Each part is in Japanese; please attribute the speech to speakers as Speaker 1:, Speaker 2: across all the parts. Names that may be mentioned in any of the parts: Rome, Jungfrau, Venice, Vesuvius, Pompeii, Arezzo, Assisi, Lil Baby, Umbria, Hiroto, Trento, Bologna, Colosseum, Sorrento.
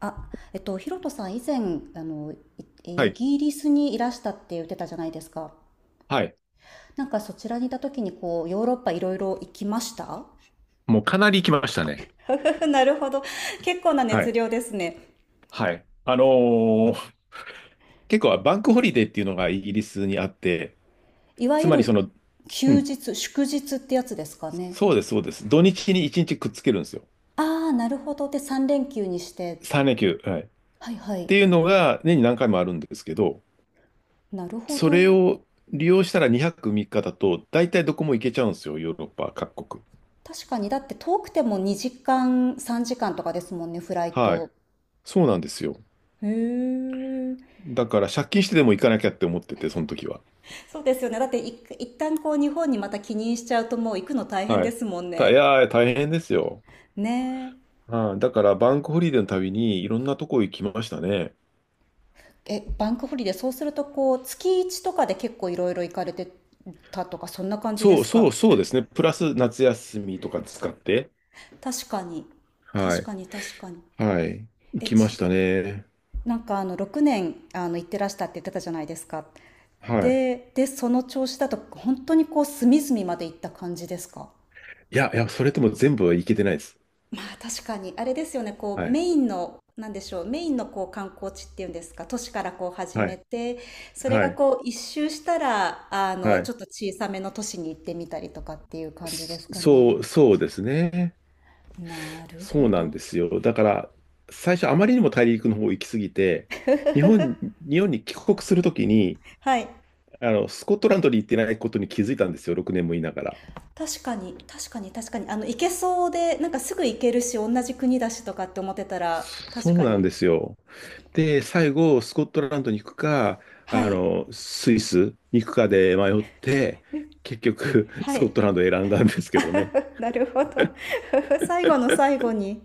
Speaker 1: あ、ヒロトさん、以前、あの、
Speaker 2: は
Speaker 1: イ
Speaker 2: い。
Speaker 1: ギリスにいらしたって言ってたじゃないですか。
Speaker 2: はい。
Speaker 1: なんかそちらにいた時に、こう、ヨーロッパいろいろ行きました？
Speaker 2: もうかなり行きましたね。
Speaker 1: なるほど。結構な
Speaker 2: は
Speaker 1: 熱
Speaker 2: い。
Speaker 1: 量ですね。
Speaker 2: はい。ー結構バンクホリデーっていうのがイギリスにあって、
Speaker 1: いわ
Speaker 2: つ
Speaker 1: ゆ
Speaker 2: まりそ
Speaker 1: る
Speaker 2: の、う
Speaker 1: 休
Speaker 2: ん、
Speaker 1: 日、祝日ってやつですかね。
Speaker 2: そうです、そうです。土日に1日くっつけるんですよ。
Speaker 1: ああ、なるほど。で、3連休にして。
Speaker 2: 3連休。はい。っ
Speaker 1: はいは
Speaker 2: て
Speaker 1: い。
Speaker 2: いうのが年に何回もあるんですけど、
Speaker 1: なるほ
Speaker 2: そ
Speaker 1: ど。
Speaker 2: れを利用したら2泊3日だと、大体どこも行けちゃうんですよ、ヨーロッパ各国。
Speaker 1: 確かに、だって遠くても2時間、3時間とかですもんね、フライ
Speaker 2: はい。
Speaker 1: ト。
Speaker 2: そうなんですよ。
Speaker 1: へえ。
Speaker 2: だから借金してでも行かなきゃって思ってて、その時は。
Speaker 1: そうですよね。だって一旦こう日本にまた帰任しちゃうともう行くの大変
Speaker 2: は
Speaker 1: で
Speaker 2: い。
Speaker 1: すもん
Speaker 2: い
Speaker 1: ね。
Speaker 2: やー、大変ですよ。
Speaker 1: ね
Speaker 2: ああ、だからバンクホリデーのたびにいろんなとこ行きましたね。
Speaker 1: え。え、バンクホリデー、そうするとこう月1とかで結構いろいろ行かれてたとかそんな感じで
Speaker 2: そう
Speaker 1: す
Speaker 2: そう
Speaker 1: か？
Speaker 2: そうですね。プラス夏休みとか使って、
Speaker 1: 確かに。
Speaker 2: は
Speaker 1: 確
Speaker 2: い。
Speaker 1: かに確かに。
Speaker 2: はい。行
Speaker 1: え、
Speaker 2: きましたね。
Speaker 1: なんか6年行ってらしたって言ってたじゃないですか。
Speaker 2: はい。
Speaker 1: で、その調子だと本当にこう隅々まで行った感じですか？
Speaker 2: いや、いや、それとも全部は行けてないです。
Speaker 1: まあ確かに、あれですよね、こ
Speaker 2: は
Speaker 1: うメ
Speaker 2: い。
Speaker 1: インの、なんでしょう、メインのこう観光地っていうんですか、都市からこう始
Speaker 2: は
Speaker 1: め
Speaker 2: い。
Speaker 1: て、それ
Speaker 2: は
Speaker 1: が
Speaker 2: い。
Speaker 1: こう一周したら、
Speaker 2: は
Speaker 1: ち
Speaker 2: い。
Speaker 1: ょっと小さめの都市に行ってみたりとかっていう感じですかね？
Speaker 2: そうですね。
Speaker 1: なる
Speaker 2: そう
Speaker 1: ほ
Speaker 2: なん
Speaker 1: ど。
Speaker 2: ですよ。だから、最初あまりにも大陸の方行き過ぎて、日本、日本に帰国するときに、
Speaker 1: はい。
Speaker 2: あの、スコットランドに行ってないことに気づいたんですよ。6年もいながら。
Speaker 1: 確かに、確かに、確かに。行けそうで、なんかすぐ行けるし、同じ国だしとかって思ってたら、
Speaker 2: そ
Speaker 1: 確
Speaker 2: う
Speaker 1: か
Speaker 2: なん
Speaker 1: に。
Speaker 2: ですよ。で、最後、スコットランドに行くか、
Speaker 1: は
Speaker 2: あ
Speaker 1: い。
Speaker 2: の、スイスに行くかで迷って、結局、
Speaker 1: は
Speaker 2: スコッ
Speaker 1: い。
Speaker 2: トランドを選んだんですけどね。
Speaker 1: なるほど。最後の最後に。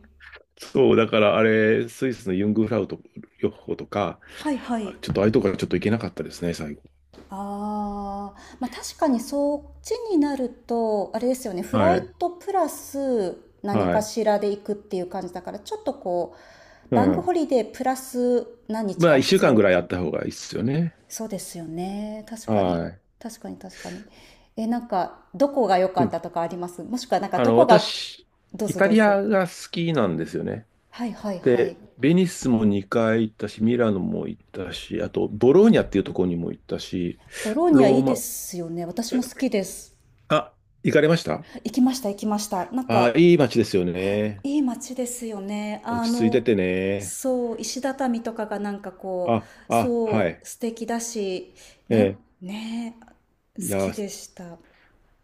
Speaker 2: そう、だからあれ、スイスのユングフラウト予報とか、
Speaker 1: はい、はい。
Speaker 2: ちょっとああいうとこからちょっと行けなかったですね、最後。
Speaker 1: ああ、まあ確かにそっちになると、あれですよね、フラ
Speaker 2: は
Speaker 1: イ
Speaker 2: い。
Speaker 1: トプラス何
Speaker 2: は
Speaker 1: か
Speaker 2: い。
Speaker 1: しらで行くっていう感じだから、ちょっとこう、
Speaker 2: う
Speaker 1: バンク
Speaker 2: ん。
Speaker 1: ホリデープラス何日
Speaker 2: ま
Speaker 1: か
Speaker 2: あ、一週
Speaker 1: 必
Speaker 2: 間
Speaker 1: 要っ
Speaker 2: ぐらい
Speaker 1: て
Speaker 2: あ
Speaker 1: い
Speaker 2: っ
Speaker 1: う。
Speaker 2: た方がいいですよね。
Speaker 1: そうですよね。確かに。
Speaker 2: はい。
Speaker 1: 確かに確かに。え、なんか、どこが良か
Speaker 2: う
Speaker 1: っ
Speaker 2: ん。
Speaker 1: たとかあります？もしくはなんか、
Speaker 2: あ
Speaker 1: ど
Speaker 2: の、
Speaker 1: こが、
Speaker 2: 私、
Speaker 1: どう
Speaker 2: イ
Speaker 1: ぞ
Speaker 2: タ
Speaker 1: どう
Speaker 2: リ
Speaker 1: ぞ。
Speaker 2: アが好きなんですよね。
Speaker 1: はいはいは
Speaker 2: で、
Speaker 1: い。
Speaker 2: ベニスも2回行ったし、ミラノも行ったし、あと、ボローニャっていうところにも行ったし、
Speaker 1: ボローニャい
Speaker 2: ロー
Speaker 1: いで
Speaker 2: マ、
Speaker 1: すよね。私
Speaker 2: え
Speaker 1: も好きです。
Speaker 2: あ、行かれました？
Speaker 1: 行きました行きました。なんか、
Speaker 2: いい街ですよね。
Speaker 1: いい街ですよね。
Speaker 2: 落ち着いててね。
Speaker 1: そう、石畳とかがなんかこう、
Speaker 2: は
Speaker 1: そう、
Speaker 2: い。
Speaker 1: 素敵だし、
Speaker 2: え
Speaker 1: なん、
Speaker 2: え、
Speaker 1: ねえ、好
Speaker 2: い
Speaker 1: き
Speaker 2: や、
Speaker 1: でした。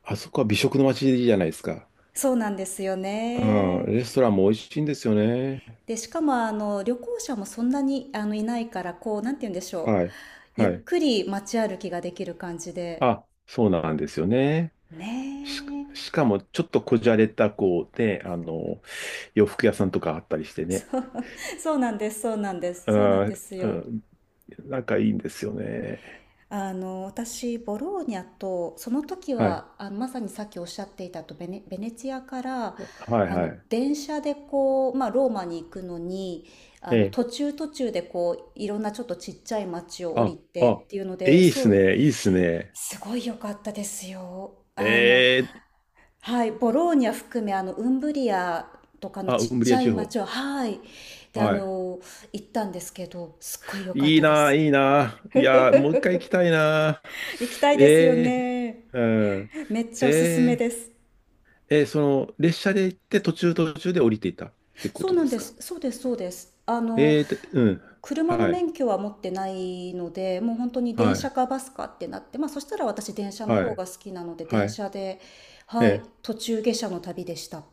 Speaker 2: あそこは美食の街じゃないですか。
Speaker 1: そうなんですよ
Speaker 2: う
Speaker 1: ね。
Speaker 2: ん、レストランも美味しいんですよね。
Speaker 1: で、しかも旅行者もそんなにいないから、こう、なんて言うんでしょう。
Speaker 2: はい。
Speaker 1: ゆ
Speaker 2: は
Speaker 1: っ
Speaker 2: い。
Speaker 1: くり街歩きができる感じで。
Speaker 2: あ、そうなんですよね。
Speaker 1: ね
Speaker 2: し、
Speaker 1: え。
Speaker 2: しかも、ちょっとこじゃれた、こう、ね、洋服屋さんとかあったりしてね。
Speaker 1: そう、そうなんです、そうなんです、
Speaker 2: あ
Speaker 1: そうなんで
Speaker 2: ー、
Speaker 1: す
Speaker 2: う
Speaker 1: よ。
Speaker 2: ん、仲いいんですよね。
Speaker 1: 私ボローニャと、その時
Speaker 2: はい。
Speaker 1: はまさにさっきおっしゃっていたとベネチアから
Speaker 2: はいはい。
Speaker 1: 電車でこう、まあ、ローマに行くのに
Speaker 2: ええ。
Speaker 1: 途中途中でこういろんなちょっとちっちゃい町を降り
Speaker 2: あ、
Speaker 1: て
Speaker 2: あ、
Speaker 1: っていうの
Speaker 2: い
Speaker 1: で、
Speaker 2: いっ
Speaker 1: そ
Speaker 2: す
Speaker 1: う
Speaker 2: ね。いいっすね。
Speaker 1: すごい良かったですよ。
Speaker 2: ええ。
Speaker 1: はい、ボローニャ含めウンブリアとかの
Speaker 2: あ、ウ
Speaker 1: ちっ
Speaker 2: ンブ
Speaker 1: ち
Speaker 2: リア
Speaker 1: ゃ
Speaker 2: 地
Speaker 1: い町
Speaker 2: 方。
Speaker 1: を、はい、で
Speaker 2: はい。
Speaker 1: 行ったんですけど、すっごい良かっ
Speaker 2: いい
Speaker 1: たで
Speaker 2: な、
Speaker 1: す。
Speaker 2: いいな。いや、もう1回行きたいな。
Speaker 1: 行きたいですよ
Speaker 2: え
Speaker 1: ね。
Speaker 2: え。うん。
Speaker 1: めっち
Speaker 2: え
Speaker 1: ゃおすすめで
Speaker 2: え。
Speaker 1: す。
Speaker 2: ええ、列車で行って途中途中で降りていたってこ
Speaker 1: そう
Speaker 2: と
Speaker 1: な
Speaker 2: で
Speaker 1: ん
Speaker 2: す
Speaker 1: で
Speaker 2: か。
Speaker 1: す。そうです、そうです。
Speaker 2: ええー、で、うん。
Speaker 1: 車の
Speaker 2: はい。
Speaker 1: 免許は持ってないので、もう本当に電
Speaker 2: は
Speaker 1: 車
Speaker 2: い。
Speaker 1: かバスかってなって、まあそしたら私電車の
Speaker 2: は
Speaker 1: 方
Speaker 2: い。
Speaker 1: が好きなので、
Speaker 2: は
Speaker 1: 電
Speaker 2: い。
Speaker 1: 車で、
Speaker 2: え
Speaker 1: はい、
Speaker 2: え。
Speaker 1: 途中下車の旅でした。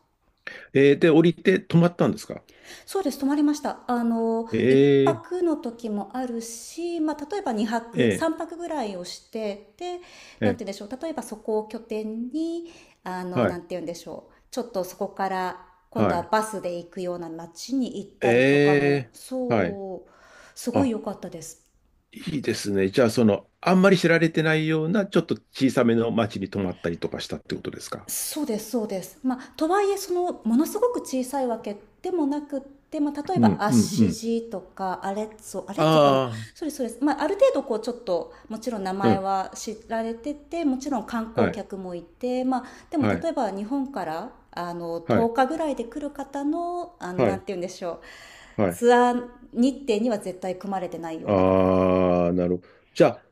Speaker 2: ええ、で、降りて止まったんですか。
Speaker 1: そうです、泊まりました。
Speaker 2: え
Speaker 1: 一
Speaker 2: え。
Speaker 1: 泊の時もあるし、まあ、例えば2
Speaker 2: え
Speaker 1: 泊、
Speaker 2: え。
Speaker 1: 3泊ぐらいをして、で、なん
Speaker 2: え、
Speaker 1: て言うんでしょう、例えばそこを拠点に、
Speaker 2: は
Speaker 1: な
Speaker 2: い、
Speaker 1: んて言うんでしょう、ちょっとそこから、今度
Speaker 2: は
Speaker 1: は
Speaker 2: い、
Speaker 1: バスで行くような街に行ったりとか
Speaker 2: え
Speaker 1: も、
Speaker 2: え、はい。
Speaker 1: そう、すごい
Speaker 2: あ、
Speaker 1: 良かったです。
Speaker 2: いいですね。じゃあ、その、あんまり知られてないような、ちょっと小さめの町に泊まったりとかしたってことですか。
Speaker 1: そうですそうです。まあ、とはいえそのものすごく小さいわけでもなくって、まあ、例え
Speaker 2: う
Speaker 1: ば
Speaker 2: ん、
Speaker 1: アッ
Speaker 2: うん、う
Speaker 1: シ
Speaker 2: ん。
Speaker 1: ジとかアレッツォ、アレッツォかな、
Speaker 2: あ
Speaker 1: そうですそうです。まあ、ある程度こうちょっともちろん名
Speaker 2: あ、う
Speaker 1: 前
Speaker 2: ん。
Speaker 1: は知られてて、もちろん観
Speaker 2: は
Speaker 1: 光
Speaker 2: い、
Speaker 1: 客もいて、まあ、でも
Speaker 2: は
Speaker 1: 例
Speaker 2: い、
Speaker 1: えば日本から
Speaker 2: は
Speaker 1: 10
Speaker 2: い、
Speaker 1: 日ぐらいで来る方の、
Speaker 2: は
Speaker 1: なん
Speaker 2: い、
Speaker 1: て言うんでしょう、
Speaker 2: はい。
Speaker 1: ツアー日程には絶対組まれてないようなとこ、
Speaker 2: ああ、なるほど。じゃあ、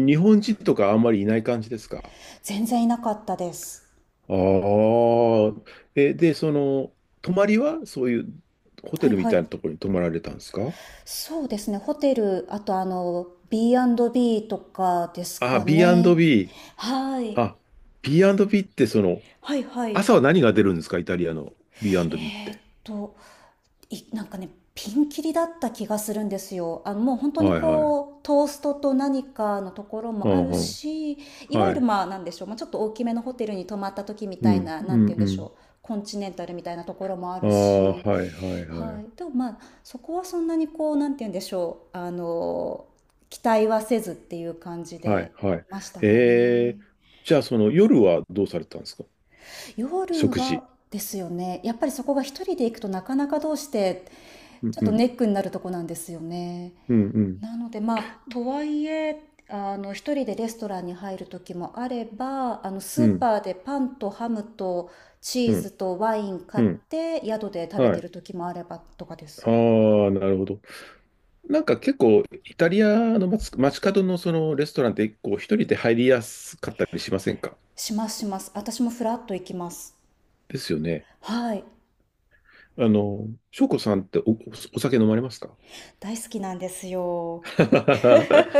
Speaker 2: 日本人とかあんまりいない感じですか。
Speaker 1: 全然いなかったです。
Speaker 2: ああ、で、泊まりは、そういうホ
Speaker 1: は
Speaker 2: テ
Speaker 1: い
Speaker 2: ルみ
Speaker 1: は
Speaker 2: た
Speaker 1: い。
Speaker 2: いなところに泊まられたんですか。
Speaker 1: そうですね、ホテル、あとB&B とかです
Speaker 2: ああ、
Speaker 1: かね。
Speaker 2: B&B。
Speaker 1: はい。
Speaker 2: あ、B&B って
Speaker 1: はいはい。
Speaker 2: 朝は何が出るんですかイタリアの B&B っ
Speaker 1: えーっ
Speaker 2: て。
Speaker 1: と、なんかね、ピンキリだった気がするんですよ。もう本当に
Speaker 2: はいはい。
Speaker 1: こう、トーストと何かのところ
Speaker 2: う
Speaker 1: もあ
Speaker 2: ん
Speaker 1: る
Speaker 2: うん。
Speaker 1: し、いわ
Speaker 2: は
Speaker 1: ゆる
Speaker 2: い。
Speaker 1: まあ、なんでしょう、まあ、ちょっと大きめのホテルに泊まった時み
Speaker 2: う
Speaker 1: たい
Speaker 2: ん、
Speaker 1: な、な
Speaker 2: う
Speaker 1: んて
Speaker 2: ん、
Speaker 1: 言うん
Speaker 2: う
Speaker 1: でしょ
Speaker 2: ん。
Speaker 1: う、コンチネンタルみたいなところもあ
Speaker 2: あ
Speaker 1: る
Speaker 2: あ、は
Speaker 1: し、
Speaker 2: いはいは
Speaker 1: は
Speaker 2: い。
Speaker 1: い、でもまあそこはそんなにこうなんて言うんでしょう、期待はせずっていう感じ
Speaker 2: はい、
Speaker 1: で
Speaker 2: は
Speaker 1: い
Speaker 2: い。
Speaker 1: ましたか
Speaker 2: え
Speaker 1: ね。
Speaker 2: ーじゃあその夜はどうされたんですか？
Speaker 1: 夜
Speaker 2: 食事。
Speaker 1: はですよね、やっぱりそこが一人で行くとなかなかどうして
Speaker 2: うん
Speaker 1: ちょっ
Speaker 2: う
Speaker 1: と
Speaker 2: ん、
Speaker 1: ネックになるとこなんですよね。
Speaker 2: うん、うん、
Speaker 1: なのでまあとはいえ一人でレストランに入る時もあれば、ス
Speaker 2: う
Speaker 1: ー
Speaker 2: ん、
Speaker 1: パーでパンとハムとチ
Speaker 2: う
Speaker 1: ーズ
Speaker 2: ん、
Speaker 1: とワイン買
Speaker 2: う
Speaker 1: っ
Speaker 2: ん。
Speaker 1: て宿で食べ
Speaker 2: は
Speaker 1: てる
Speaker 2: い。
Speaker 1: 時もあればとかです。
Speaker 2: ああ、なるほど。なんか結構、イタリアの街、街角のそのレストランって、こう、一人で入りやすかったりしませんか？
Speaker 1: しますします。私もフラッと行きます。
Speaker 2: ですよね。
Speaker 1: はい。
Speaker 2: 翔子さんってお酒飲まれますか？
Speaker 1: 大好きなんですよ。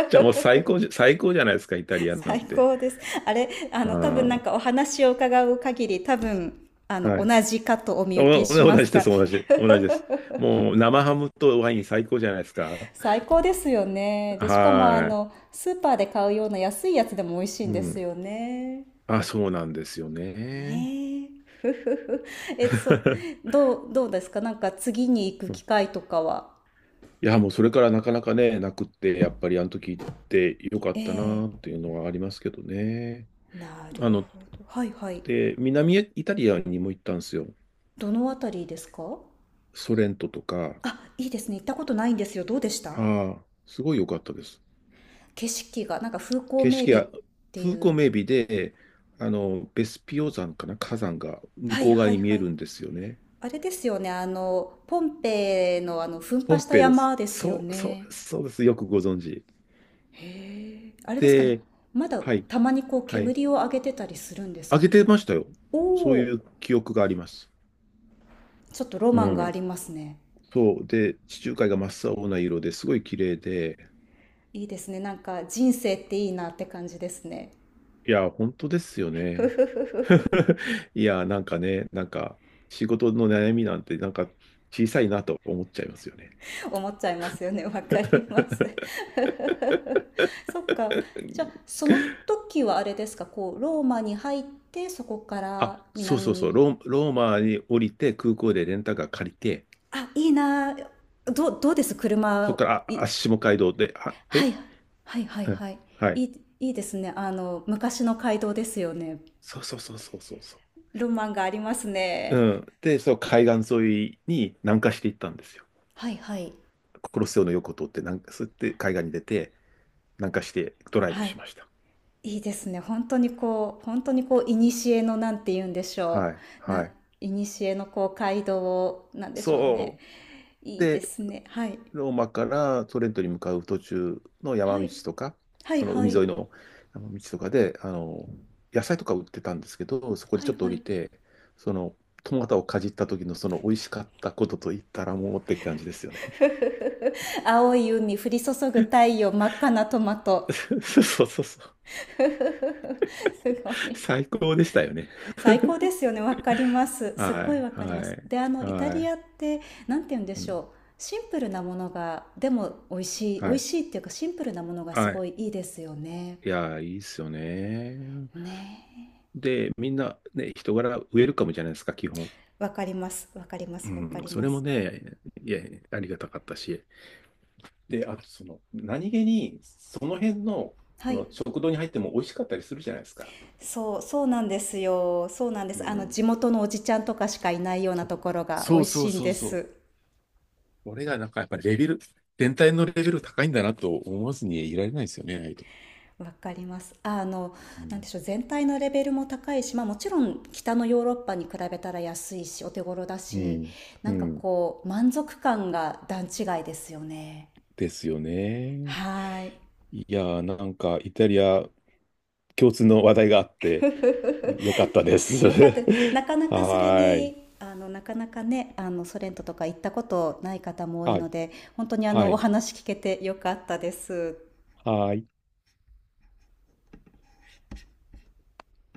Speaker 2: じゃあもう最高じゃないですか、イタリアン なん
Speaker 1: 最
Speaker 2: て。
Speaker 1: 高です。あれ、多分
Speaker 2: あ
Speaker 1: なんかお話を伺う限り、多分、
Speaker 2: あ、はい。
Speaker 1: 同じかとお見受け
Speaker 2: お
Speaker 1: し
Speaker 2: お同
Speaker 1: ま
Speaker 2: じ
Speaker 1: す
Speaker 2: で
Speaker 1: が、
Speaker 2: す、同じ、同じです。もう生ハムとワイン最高じゃないですか。
Speaker 1: 最高ですよね。で、しかも
Speaker 2: は
Speaker 1: スーパーで買うような安いやつでも美味しい
Speaker 2: い。
Speaker 1: ん
Speaker 2: う
Speaker 1: です
Speaker 2: ん。
Speaker 1: よね。
Speaker 2: あ、そうなんですよね。
Speaker 1: ねえ。ふふふ。え、どうですか、なんか次に行く機会 とかは？
Speaker 2: いや、もうそれからなかなかね、なくって、やっぱりあの時行ってよか
Speaker 1: え
Speaker 2: ったなっ
Speaker 1: え。
Speaker 2: ていうのはありますけどね。
Speaker 1: なる
Speaker 2: あの、
Speaker 1: ほど。はいはい。
Speaker 2: で、南イタリアにも行ったんですよ。
Speaker 1: どのあたりですか？
Speaker 2: ソレントとか。
Speaker 1: あ、いいですね。行ったことないんですよ。どうでした？
Speaker 2: ああ、すごい良かったです。
Speaker 1: 景色が、なんか風光
Speaker 2: 景
Speaker 1: 明
Speaker 2: 色
Speaker 1: 媚っ
Speaker 2: が、
Speaker 1: て
Speaker 2: 風
Speaker 1: い
Speaker 2: 光
Speaker 1: う。
Speaker 2: 明媚で、ベスピオ山かな、火山が向
Speaker 1: はい
Speaker 2: こう
Speaker 1: は
Speaker 2: 側に
Speaker 1: い
Speaker 2: 見え
Speaker 1: はい。
Speaker 2: るんですよね。
Speaker 1: あれですよね。ポンペイの噴
Speaker 2: ポ
Speaker 1: 火
Speaker 2: ン
Speaker 1: した
Speaker 2: ペイです。
Speaker 1: 山ですよ
Speaker 2: そう、そうで
Speaker 1: ね。
Speaker 2: す、そうです。よくご存知。
Speaker 1: へえ。あれですかね。
Speaker 2: で、
Speaker 1: まだ
Speaker 2: はい、
Speaker 1: たまにこう
Speaker 2: はい。
Speaker 1: 煙を上げてたりするんです
Speaker 2: あ
Speaker 1: か
Speaker 2: げて
Speaker 1: ね。
Speaker 2: ましたよ。
Speaker 1: お
Speaker 2: そうい
Speaker 1: お、
Speaker 2: う記憶があります。
Speaker 1: ちょっとロ
Speaker 2: う
Speaker 1: マンがあ
Speaker 2: ん。
Speaker 1: りますね。
Speaker 2: そう。で、地中海が真っ青な色ですごい綺麗で、
Speaker 1: いいですね。なんか人生っていいなって感じですね。
Speaker 2: いや、本当ですよ
Speaker 1: ふ
Speaker 2: ね。
Speaker 1: ふふふ。
Speaker 2: いや、なんかね、なんか、仕事の悩みなんて、なんか、小さいなと思っちゃいますよね。
Speaker 1: 思っちゃいますよね。わかります。そっか。じゃあ、その時はあれですか、こう、ローマに入って、そこか
Speaker 2: あ、
Speaker 1: ら
Speaker 2: そう
Speaker 1: 南
Speaker 2: そうそう、
Speaker 1: に。
Speaker 2: ローマに降りて、空港でレンタカー借りて、
Speaker 1: あ、いいなあ。どうです
Speaker 2: そこ
Speaker 1: 車、
Speaker 2: から、下街道で、
Speaker 1: はい、はい、はい、
Speaker 2: うん、
Speaker 1: はい。
Speaker 2: は
Speaker 1: い
Speaker 2: い。
Speaker 1: い、いいですね。昔の街道ですよね。
Speaker 2: そうそうそうそうそうそ
Speaker 1: ロマンがあります
Speaker 2: う。う
Speaker 1: ね。
Speaker 2: ん。で、そう、海岸沿いに南下していったんですよ。
Speaker 1: はい、はい。
Speaker 2: コロッセオの横通って、なんか、そうやって海岸に出て、南下してドライブ
Speaker 1: はい。
Speaker 2: しました。
Speaker 1: いいですね。本当にこう本当にこう、いにしえのなんて言うんでし
Speaker 2: は
Speaker 1: ょ
Speaker 2: い。
Speaker 1: う、
Speaker 2: はい。
Speaker 1: 古のこう街道を、なんでしょうね。
Speaker 2: そう。
Speaker 1: いいで
Speaker 2: で、
Speaker 1: すね。はい。
Speaker 2: ローマからトレントに向かう途中の山
Speaker 1: は
Speaker 2: 道
Speaker 1: い。
Speaker 2: とか、
Speaker 1: はい
Speaker 2: その
Speaker 1: は
Speaker 2: 海
Speaker 1: い。
Speaker 2: 沿いの山道とかで、野菜とか売ってたんですけど、そこで
Speaker 1: は
Speaker 2: ち
Speaker 1: い
Speaker 2: ょっと降
Speaker 1: はい。
Speaker 2: りて、その、トマトをかじった時のその美味しかったことと言ったらもうって感じですよね。
Speaker 1: ふふふふ。青い海降り注ぐ太陽、真っ赤なトマト。
Speaker 2: そうそうそうそう。
Speaker 1: ふふふふ。すごい。
Speaker 2: 最高でしたよね。
Speaker 1: 最高ですよね、わかります。すっ
Speaker 2: は
Speaker 1: ごい
Speaker 2: い、
Speaker 1: わかり
Speaker 2: は
Speaker 1: ます。
Speaker 2: い、
Speaker 1: で、イタ
Speaker 2: は
Speaker 1: リ
Speaker 2: い、
Speaker 1: アって、なんて言うんで
Speaker 2: う
Speaker 1: し
Speaker 2: ん、
Speaker 1: ょう、シンプルなものが、でも美味しい美
Speaker 2: は
Speaker 1: 味
Speaker 2: い、
Speaker 1: しいっていうか、シンプルなものがす
Speaker 2: は
Speaker 1: ご
Speaker 2: い。
Speaker 1: いいいですよね。
Speaker 2: いやー、いいっすよね。
Speaker 1: ねえ、
Speaker 2: で、みんなね、人柄ウェルカムじゃないですか、基本。
Speaker 1: わかりますわかりま
Speaker 2: う
Speaker 1: すわか
Speaker 2: ん、
Speaker 1: り
Speaker 2: そ
Speaker 1: ま
Speaker 2: れも
Speaker 1: す。
Speaker 2: ね、いや、ありがたかったし。で、あと何気に、その辺の、
Speaker 1: は
Speaker 2: そ
Speaker 1: い、
Speaker 2: の食堂に入っても美味しかったりするじゃないですか。
Speaker 1: そうそうなんですよ。そうなんで
Speaker 2: う
Speaker 1: す。
Speaker 2: ん。
Speaker 1: 地元のおじちゃんとかしかいないようなところが
Speaker 2: そ
Speaker 1: 美
Speaker 2: う
Speaker 1: 味
Speaker 2: そうそ
Speaker 1: し
Speaker 2: う
Speaker 1: いん
Speaker 2: そう
Speaker 1: で
Speaker 2: そう。
Speaker 1: す。
Speaker 2: 俺がなんかやっぱレベル、全体のレベル高いんだなと思わずにいられないですよね、ああいうとこ。
Speaker 1: わかります。
Speaker 2: う
Speaker 1: なんで
Speaker 2: ん。
Speaker 1: しょう、全体のレベルも高いし、まあ、もちろん北のヨーロッパに比べたら安いしお手頃だ
Speaker 2: う
Speaker 1: し、
Speaker 2: ん。
Speaker 1: な
Speaker 2: う
Speaker 1: んか
Speaker 2: ん
Speaker 1: こう満足感が段違いですよね。
Speaker 2: ですよね。
Speaker 1: はい。
Speaker 2: いやー、なんかイタリア共通の話題があってよかったで す。
Speaker 1: よかったです。
Speaker 2: は
Speaker 1: なかなかそれ
Speaker 2: ーい。
Speaker 1: になかなかね、ソ連ととか行ったことない方も多い
Speaker 2: は
Speaker 1: の
Speaker 2: い。
Speaker 1: で、本当に
Speaker 2: は
Speaker 1: お
Speaker 2: い。
Speaker 1: 話聞けてよかったです。
Speaker 2: はい。